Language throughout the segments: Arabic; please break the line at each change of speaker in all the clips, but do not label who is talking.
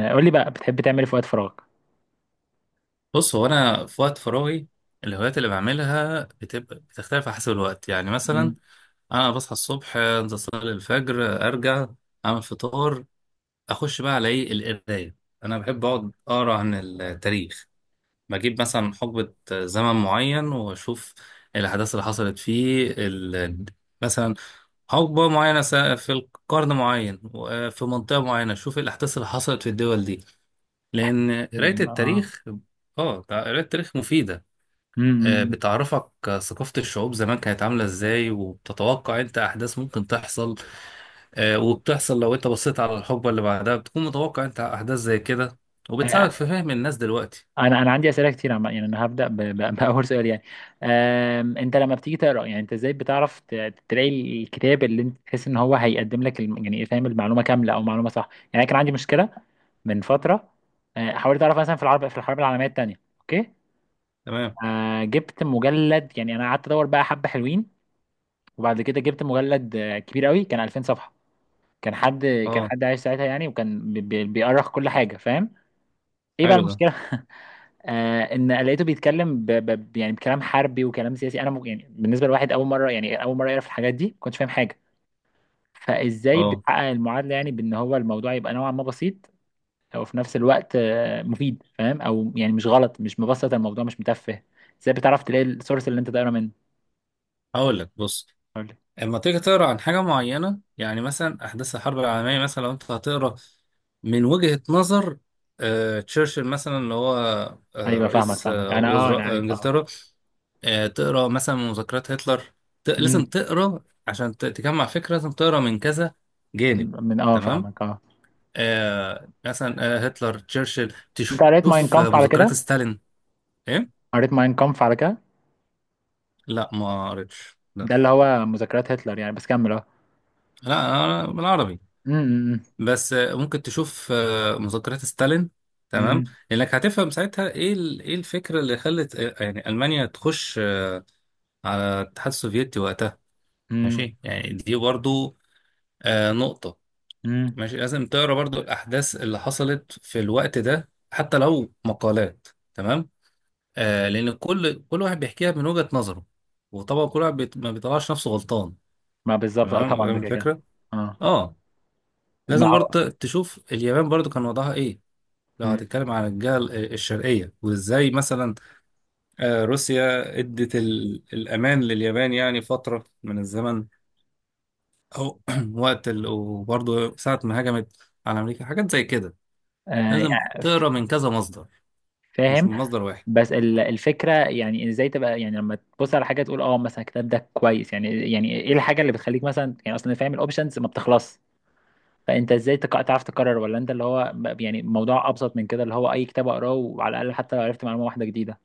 قول لي بقى بتحب تعمل ايه في وقت فراغك؟
بص، هو انا في وقت فراغي الهوايات اللي بعملها بتبقى بتختلف على حسب الوقت، يعني
مم.
مثلا انا بصحى الصبح، انزل اصلي الفجر، ارجع اعمل فطار، اخش بقى على ايه؟ القرايه. انا بحب اقعد اقرا عن التاريخ، بجيب مثلا حقبه زمن معين واشوف الاحداث اللي حصلت فيه ال... مثلا حقبه معينه في القرن معين وفي منطقه معينه، اشوف الاحداث اللي حصلت في الدول دي، لان قرايه
جدا
التاريخ، اه قرايه التاريخ مفيده.
امم.
بتعرفك ثقافة الشعوب زمان كانت عاملة ازاي، وبتتوقع انت احداث ممكن تحصل وبتحصل. لو انت بصيت على الحقبة اللي بعدها، بتكون متوقع انت احداث زي كده، وبتساعدك
انا
في فهم الناس دلوقتي.
انا عندي اسئله كتير عم يعني انا هبدا باول سؤال يعني. انت لما بتيجي تقرا يعني انت ازاي بتعرف تلاقي الكتاب اللي انت تحس ان هو هيقدم لك يعني فاهم المعلومه كامله او معلومه صح؟ يعني أنا كان عندي مشكله من فتره. حاولت اعرف مثلا في العرب في الحرب العالميه الثانيه. اوكي.
تمام.
جبت مجلد، يعني انا قعدت ادور بقى حبه حلوين. وبعد كده جبت مجلد كبير قوي، كان 2000 صفحه. كان حد كان
اه
حد عايش ساعتها يعني، وكان بيأرخ كل حاجة فاهم. ايه بقى
حلو ده.
المشكلة؟ ان لقيته بيتكلم يعني بكلام حربي وكلام سياسي. انا يعني بالنسبة لواحد اول مرة، يعني اول مرة يعرف الحاجات دي، ما كنتش فاهم حاجة. فازاي
اه
بتحقق المعادلة يعني بان هو الموضوع يبقى نوعا ما بسيط وفي نفس الوقت مفيد فاهم؟ او يعني مش غلط، مش مبسط الموضوع، مش متفه. ازاي بتعرف تلاقي السورس اللي انت دايره منه؟
هقول لك، بص،
قول لي.
اما تيجي تقرا عن حاجة معينة، يعني مثلا احداث الحرب العالمية، مثلا لو انت هتقرا من وجهة نظر تشرشل مثلا، اللي هو
ايوه، فاهمك
رئيس
فاهمك. انا
وزراء
عارف
انجلترا، تقرا مثلا من مذكرات هتلر. ت...
مم.
لازم تقرا عشان ت... تجمع فكره، لازم تقرا من كذا جانب.
من
تمام.
فاهمك
آه مثلا آه هتلر، تشرشل،
انت قريت ماين
تشوف
كامف على
مذكرات
كده؟
ستالين. ايه؟
قريت ماين كامف على كده.
لا، ما قريتش، لا.
ده اللي هو مذكرات هتلر يعني، بس كمل
لا أنا، أنا بالعربي.
أمم.
بس ممكن تشوف مذكرات ستالين. تمام،
أمم.
لانك هتفهم ساعتها ايه ال... ايه الفكره اللي خلت يعني المانيا تخش على الاتحاد السوفيتي وقتها.
أمم.
ماشي، يعني دي برضو نقطه.
أمم.
ماشي، لازم تقرا برضو الاحداث اللي حصلت في الوقت ده حتى لو مقالات. تمام. آه، لان كل واحد بيحكيها من وجهة نظره، وطبعا كل واحد بيت... ما بيطلعش نفسه غلطان.
ما بالظبط
تمام،
طبعا ده
فاهم
كده كده.
الفكره.
اه
اه،
ما
لازم برضو
هو.
تشوف اليابان برضو كان وضعها ايه، لو
أمم.
هتتكلم عن الجهه الشرقيه. وازاي مثلا آه روسيا ادت ال... الامان لليابان يعني فتره من الزمن، او وقت ال... وبرضو ساعه ما هجمت على امريكا، حاجات زي كده. لازم
يعني
تقرا من كذا مصدر، مش
فاهم.
من مصدر واحد.
بس الفكره يعني ازاي تبقى يعني لما تبص على حاجه تقول اه مثلا الكتاب ده كويس؟ يعني ايه الحاجه اللي بتخليك مثلا يعني اصلا فاهم الاوبشنز ما بتخلص؟ فانت ازاي تعرف تقرر؟ ولا انت اللي هو يعني موضوع ابسط من كده، اللي هو اي كتاب اقراه وعلى الاقل حتى لو عرفت معلومه واحده جديده.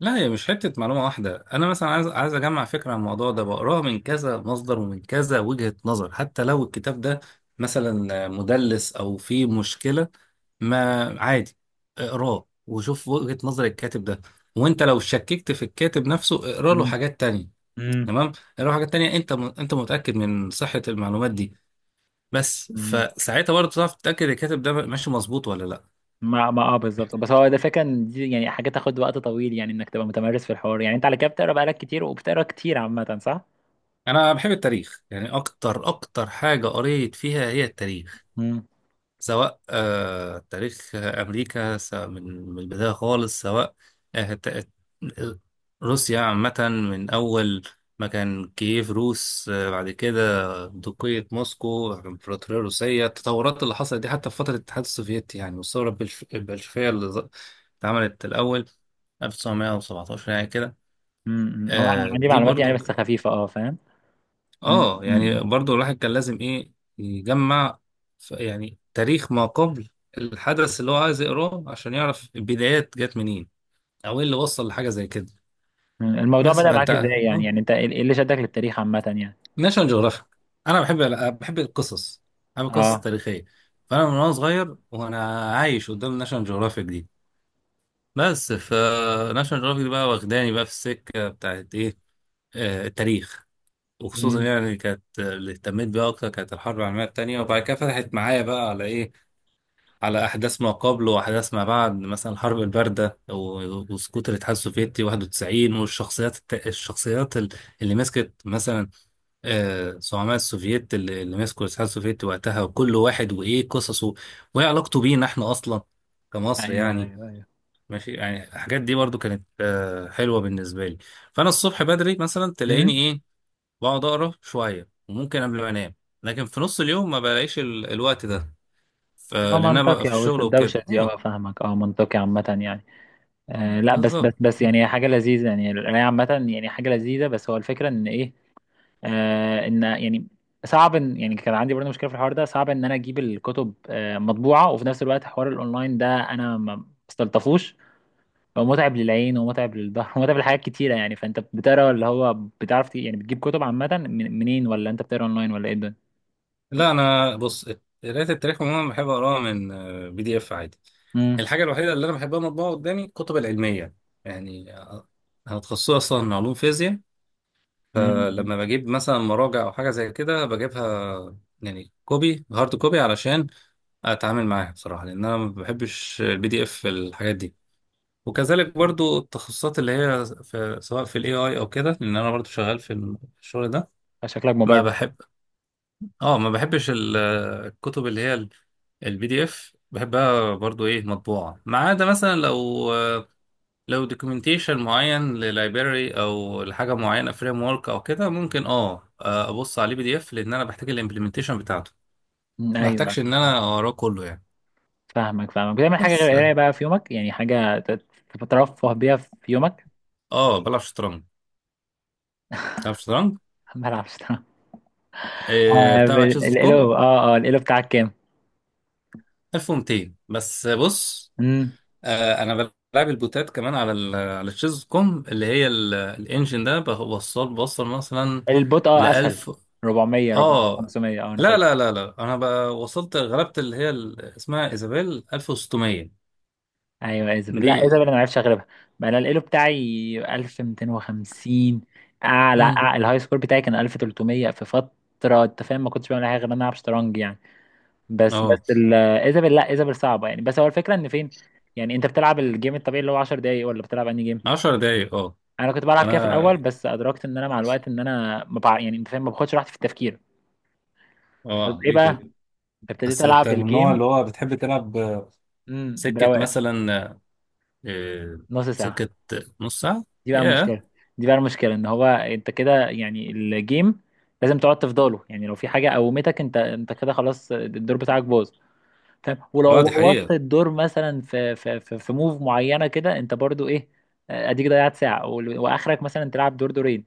لا، هي مش حتة معلومة واحدة، أنا مثلا عايز، عايز أجمع فكرة عن الموضوع ده، بقراها من كذا مصدر ومن كذا وجهة نظر. حتى لو الكتاب ده مثلا مدلس أو فيه مشكلة، ما عادي، اقراه وشوف وجهة نظر الكاتب ده. وأنت لو شككت في الكاتب نفسه، اقرا له
أمم.
حاجات تانية.
أمم.
تمام، اقرا له حاجات تانية، أنت م... أنت متأكد من صحة المعلومات دي، بس
أمم.
فساعتها برضه تعرف تتأكد الكاتب ده ماشي مظبوط ولا لا.
ما ما اه بالظبط، بس هو ده فكرة ان دي يعني حاجة تاخد وقت طويل، يعني انك تبقى متمرس في الحوار. يعني انت على كده بتقرا بقالك كتير وبتقرا كتير عامة، صح؟
انا بحب التاريخ، يعني اكتر اكتر حاجه قريت فيها هي التاريخ،
امم.
سواء آه تاريخ امريكا، سواء من من البدايه خالص، سواء آه ت- آه، روسيا عامه، من اول ما كان كييف روس، آه بعد كده دوقية موسكو، الامبراطوريه الروسيه، التطورات اللي حصلت دي، حتى في فتره الاتحاد السوفيتي يعني، والثوره البلشفيه اللي اتعملت الاول 1917 يعني كده.
امم. هو انا
آه
عندي
دي
معلومات يعني
برضو،
بس خفيفة، فاهم؟ مم.
اه يعني
مم.
برضو الواحد كان لازم ايه؟ يجمع يعني تاريخ ما قبل الحدث اللي هو عايز يقراه، عشان يعرف البدايات جت منين او ايه اللي وصل لحاجه زي كده.
مم. الموضوع
بس
بدأ
فانت
معاك ازاي؟ يعني
اه
يعني انت إيه اللي شدك للتاريخ عامة يعني؟
ناشونال جيوغرافيك. انا بحب، بحب القصص، بحب القصص
اه.
التاريخيه. فانا من وانا صغير وانا عايش قدام ناشونال جيوغرافيك دي. بس فناشونال جيوغرافيك دي بقى واخداني بقى في السكه بتاعت ايه؟ آه، التاريخ. وخصوصا
امم.
يعني كانت اللي اهتميت بيها اكتر كانت الحرب العالميه الثانيه، وبعد كده فتحت معايا بقى على ايه؟ على احداث ما قبل واحداث ما بعد، مثلا الحرب البارده وسقوط الاتحاد السوفيتي 91، والشخصيات الشخصيات اللي مسكت مثلا، آه زعماء السوفيت اللي مسكوا الاتحاد السوفيتي وقتها، وكل واحد وايه قصصه، وايه علاقته بينا احنا اصلا كمصر
ايوه
يعني.
ايوه ايوه.
ماشي، يعني الحاجات دي برضو كانت آه حلوه بالنسبه لي. فانا الصبح بدري مثلا تلاقيني
امم.
ايه؟ بقعد اقرا شويه، وممكن قبل ما انام. لكن في نص اليوم ما بلاقيش ال... الوقت ده،
ما
لان انا ببقى
منطقي
في
وسط
الشغل
الدوشة
وكده،
دي
اه
فاهمك منطقي عامة يعني. لا، بس
بالظبط.
بس بس يعني هي حاجة لذيذة، يعني القراية عامة يعني حاجة لذيذة. بس هو الفكرة ان ايه، ان يعني صعب، ان يعني كان عندي برضه مشكله في الحوار ده. صعب ان انا اجيب الكتب مطبوعه، وفي نفس الوقت حوار الاونلاين ده انا ما استلطفوش. هو متعب للعين ومتعب للظهر ومتعب لحاجات كتيره يعني. فانت بتقرا اللي هو بتعرف يعني بتجيب كتب عامه منين؟ ولا انت بتقرا اونلاين؟ ولا ايه ده؟
لا انا بص، قرايه التاريخ عموما بحب اقراها من بي دي اف عادي.
امم.
الحاجه الوحيده اللي انا بحبها مطبوعه قدامي الكتب العلميه، يعني انا تخصصي اصلا علوم فيزياء، فلما
امم.
بجيب مثلا مراجع او حاجه زي كده بجيبها يعني كوبي، هارد كوبي، علشان اتعامل معاها بصراحه، لان انا ما بحبش البي دي اف الحاجات دي. وكذلك برضو التخصصات اللي هي في، سواء في الاي اي او كده، لان انا برضو شغال في في الشغل ده.
شكلك
ما
مبرمج.
بحب، اه ما بحبش الكتب اللي هي البي دي اف، بحبها برضو ايه؟ مطبوعة. ما عدا مثلا لو، لو دوكيومنتيشن معين للايبراري او لحاجة معينة فريم ورك او كده، ممكن اه ابص عليه بي دي اف، لان انا بحتاج الامبلمنتيشن بتاعته،
مم،
ما
ايوه.
بحتاجش ان انا
أيوة.
اقراه كله يعني.
فاهمك فاهمك. بتعمل حاجه غير
بس
القرايه بقى في يومك؟ يعني حاجه تترفه بيها في يومك.
اه بلعب شطرنج، بلعب شطرنج.
بلعب شطرنج.
بتابع تشيز دوت كوم.
الإلو بتاعك
1200 بس. بص،
كام؟
آه انا بلعب البوتات كمان على ال، على الشيز كوم، اللي هي الانجن ده، بوصل، بوصل مثلا
البوت
ل
اسهل.
1000.
400 400
اه.
500 انا
لا
فاكر.
لا لا لا انا بقى وصلت، غلبت اللي هي اسمها ايزابيل 1600
ايوه ايزابل. لا،
دي.
ايزابل انا ما عرفتش اغلبها. بقى انا الالو بتاعي 1250.
مم.
الهاي سكور بتاعي كان 1300 في فتره. انت فاهم، ما كنتش بعمل حاجه غير ان انا العب شطرنج يعني. بس بس
اه
ايزابل. لا، ايزابل صعبه يعني. بس هو الفكره ان فين، يعني انت بتلعب الجيم الطبيعي اللي هو 10 دقايق؟ ولا بتلعب انهي جيم؟
10 دقايق اه.
انا كنت بلعب كده في
انا،
الاول، بس ادركت ان انا مع الوقت ان انا ما بع... يعني انت فاهم، ما باخدش راحتي في التفكير. طب
اه
ايه
ليه
بقى،
كده؟
ابتديت
بس انت
العب
من النوع اللي
الجيم.
هو بتحب تلعب
امم،
سكة
برواقه.
مثلا، آه،
نص ساعه.
سكة، نص ساعة.
دي بقى
ياه،
المشكلة. دي بقى المشكلة ان هو انت كده يعني الجيم لازم تقعد تفضله، يعني لو في حاجة قومتك انت كده خلاص الدور بتاعك باظ فاهم.
اه
ولو
دي
بوظت
حقيقة.
الدور مثلا في موف معينة كده، انت برضو ايه، اديك ضيعت ساعة واخرك مثلا تلعب دور دورين.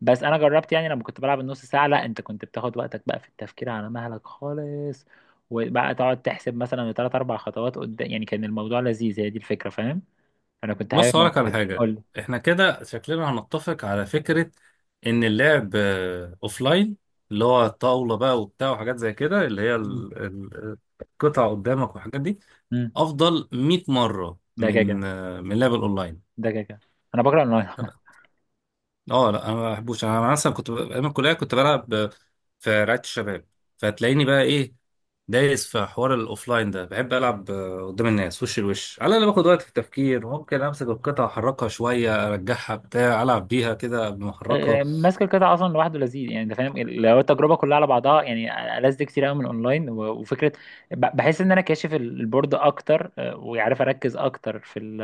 بس انا جربت، يعني لما كنت بلعب النص ساعة، لا انت كنت بتاخد وقتك بقى في التفكير على مهلك خالص. وبقى تقعد تحسب مثلا ثلاث اربع خطوات قدام، يعني كان الموضوع لذيذ. هي دي الفكرة فاهم، انا كنت حابب
بص هقولك
الموضوع
على
ده.
حاجة،
قول
احنا كده شكلنا هنتفق على فكرة ان اللعب اوف لاين، اللي هو الطاولة بقى وبتاع وحاجات زي كده، اللي هي القطع قدامك والحاجات دي،
لي.
افضل 100 مرة
ده كده،
من من لعب الاونلاين.
ده كده انا بكره الاونلاين عامة.
اه لا انا ما بحبوش. انا مثلا كنت ايام الكليه كنت بلعب في رعايه الشباب، فتلاقيني بقى ايه؟ دايس في حوار الاوفلاين ده. بحب العب قدام الناس وش لوش، على الاقل باخد وقت في التفكير، ممكن امسك القطعه احركها شويه ارجعها بتاع، العب بيها كده قبل ما احركها.
ماسك القطع اصلا لوحده لذيذ، يعني انت فاهم لو التجربه كلها على بعضها يعني ألذ كتير قوي من الاونلاين. و- وفكره بحس ان انا كاشف البورد اكتر، وعارف اركز اكتر في ال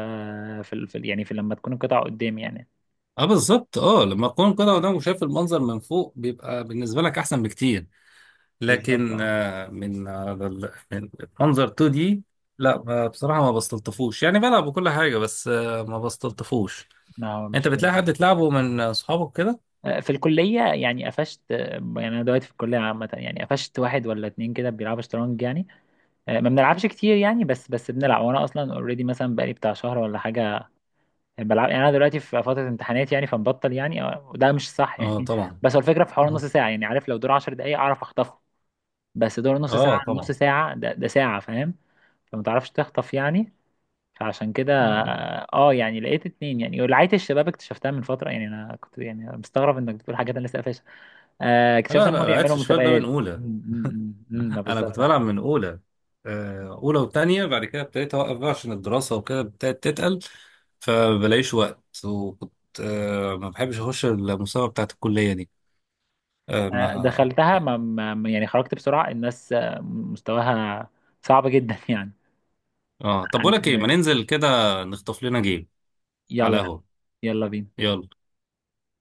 في ال في ال- يعني في لما تكون القطع قدامي يعني.
اه بالظبط، اه لما تكون القطعه قدامك وشايف المنظر من فوق، بيبقى بالنسبه لك احسن بكتير،
بالظبط
لكن من على من منظر 2 دي لا، بصراحه ما بستلطفوش، يعني بلعب وكل حاجه بس ما بستلطفوش.
لا هو
انت
مش
بتلاقي
لذيذ.
حد تلعبه من اصحابك كده؟
في الكليه يعني قفشت، يعني انا دلوقتي في الكليه عامه يعني قفشت واحد ولا اتنين كده بيلعبوا شطرنج يعني. ما بنلعبش كتير يعني، بس بس بنلعب. وانا اصلا اوريدي مثلا بقالي بتاع شهر ولا حاجه بلعب. يعني انا دلوقتي في فتره امتحانات يعني فمبطل يعني، وده مش صح
اه
يعني.
طبعا.
بس هو الفكره في حوار نص ساعه يعني، عارف لو دور 10 دقائق اعرف اخطفه. بس دور نص
اه
ساعه، نص
طبعا.
ساعه ده, ده ساعه فاهم. فما تعرفش تخطف يعني. فعشان كده
لا
يعني لقيت اتنين يعني. ولعية الشباب اكتشفتها من فتره يعني. انا كنت يعني مستغرب انك بتقول حاجات انا لسه قافشها. اكتشفت
لا
ان هم
لا لعبت
بيعملوا
في الشباب ده من
مسابقات.
اولى.
ما
انا
بالظبط.
كنت بلعب من اولى، اولى وتانية، بعد كده ابتديت اوقف بقى عشان الدراسه وكده، ابتدت تتقل فبلاقيش وقت. وكنت ما بحبش اخش المسابقه بتاعت الكليه دي، آه، ما
دخلتها يعني خرجت بسرعه. الناس مستواها صعب جدا يعني.
اه طب بقول لك ايه، ما ننزل كده نخطف لنا جيم على
يلا.
قهوه.
يلا بينا.
يلا.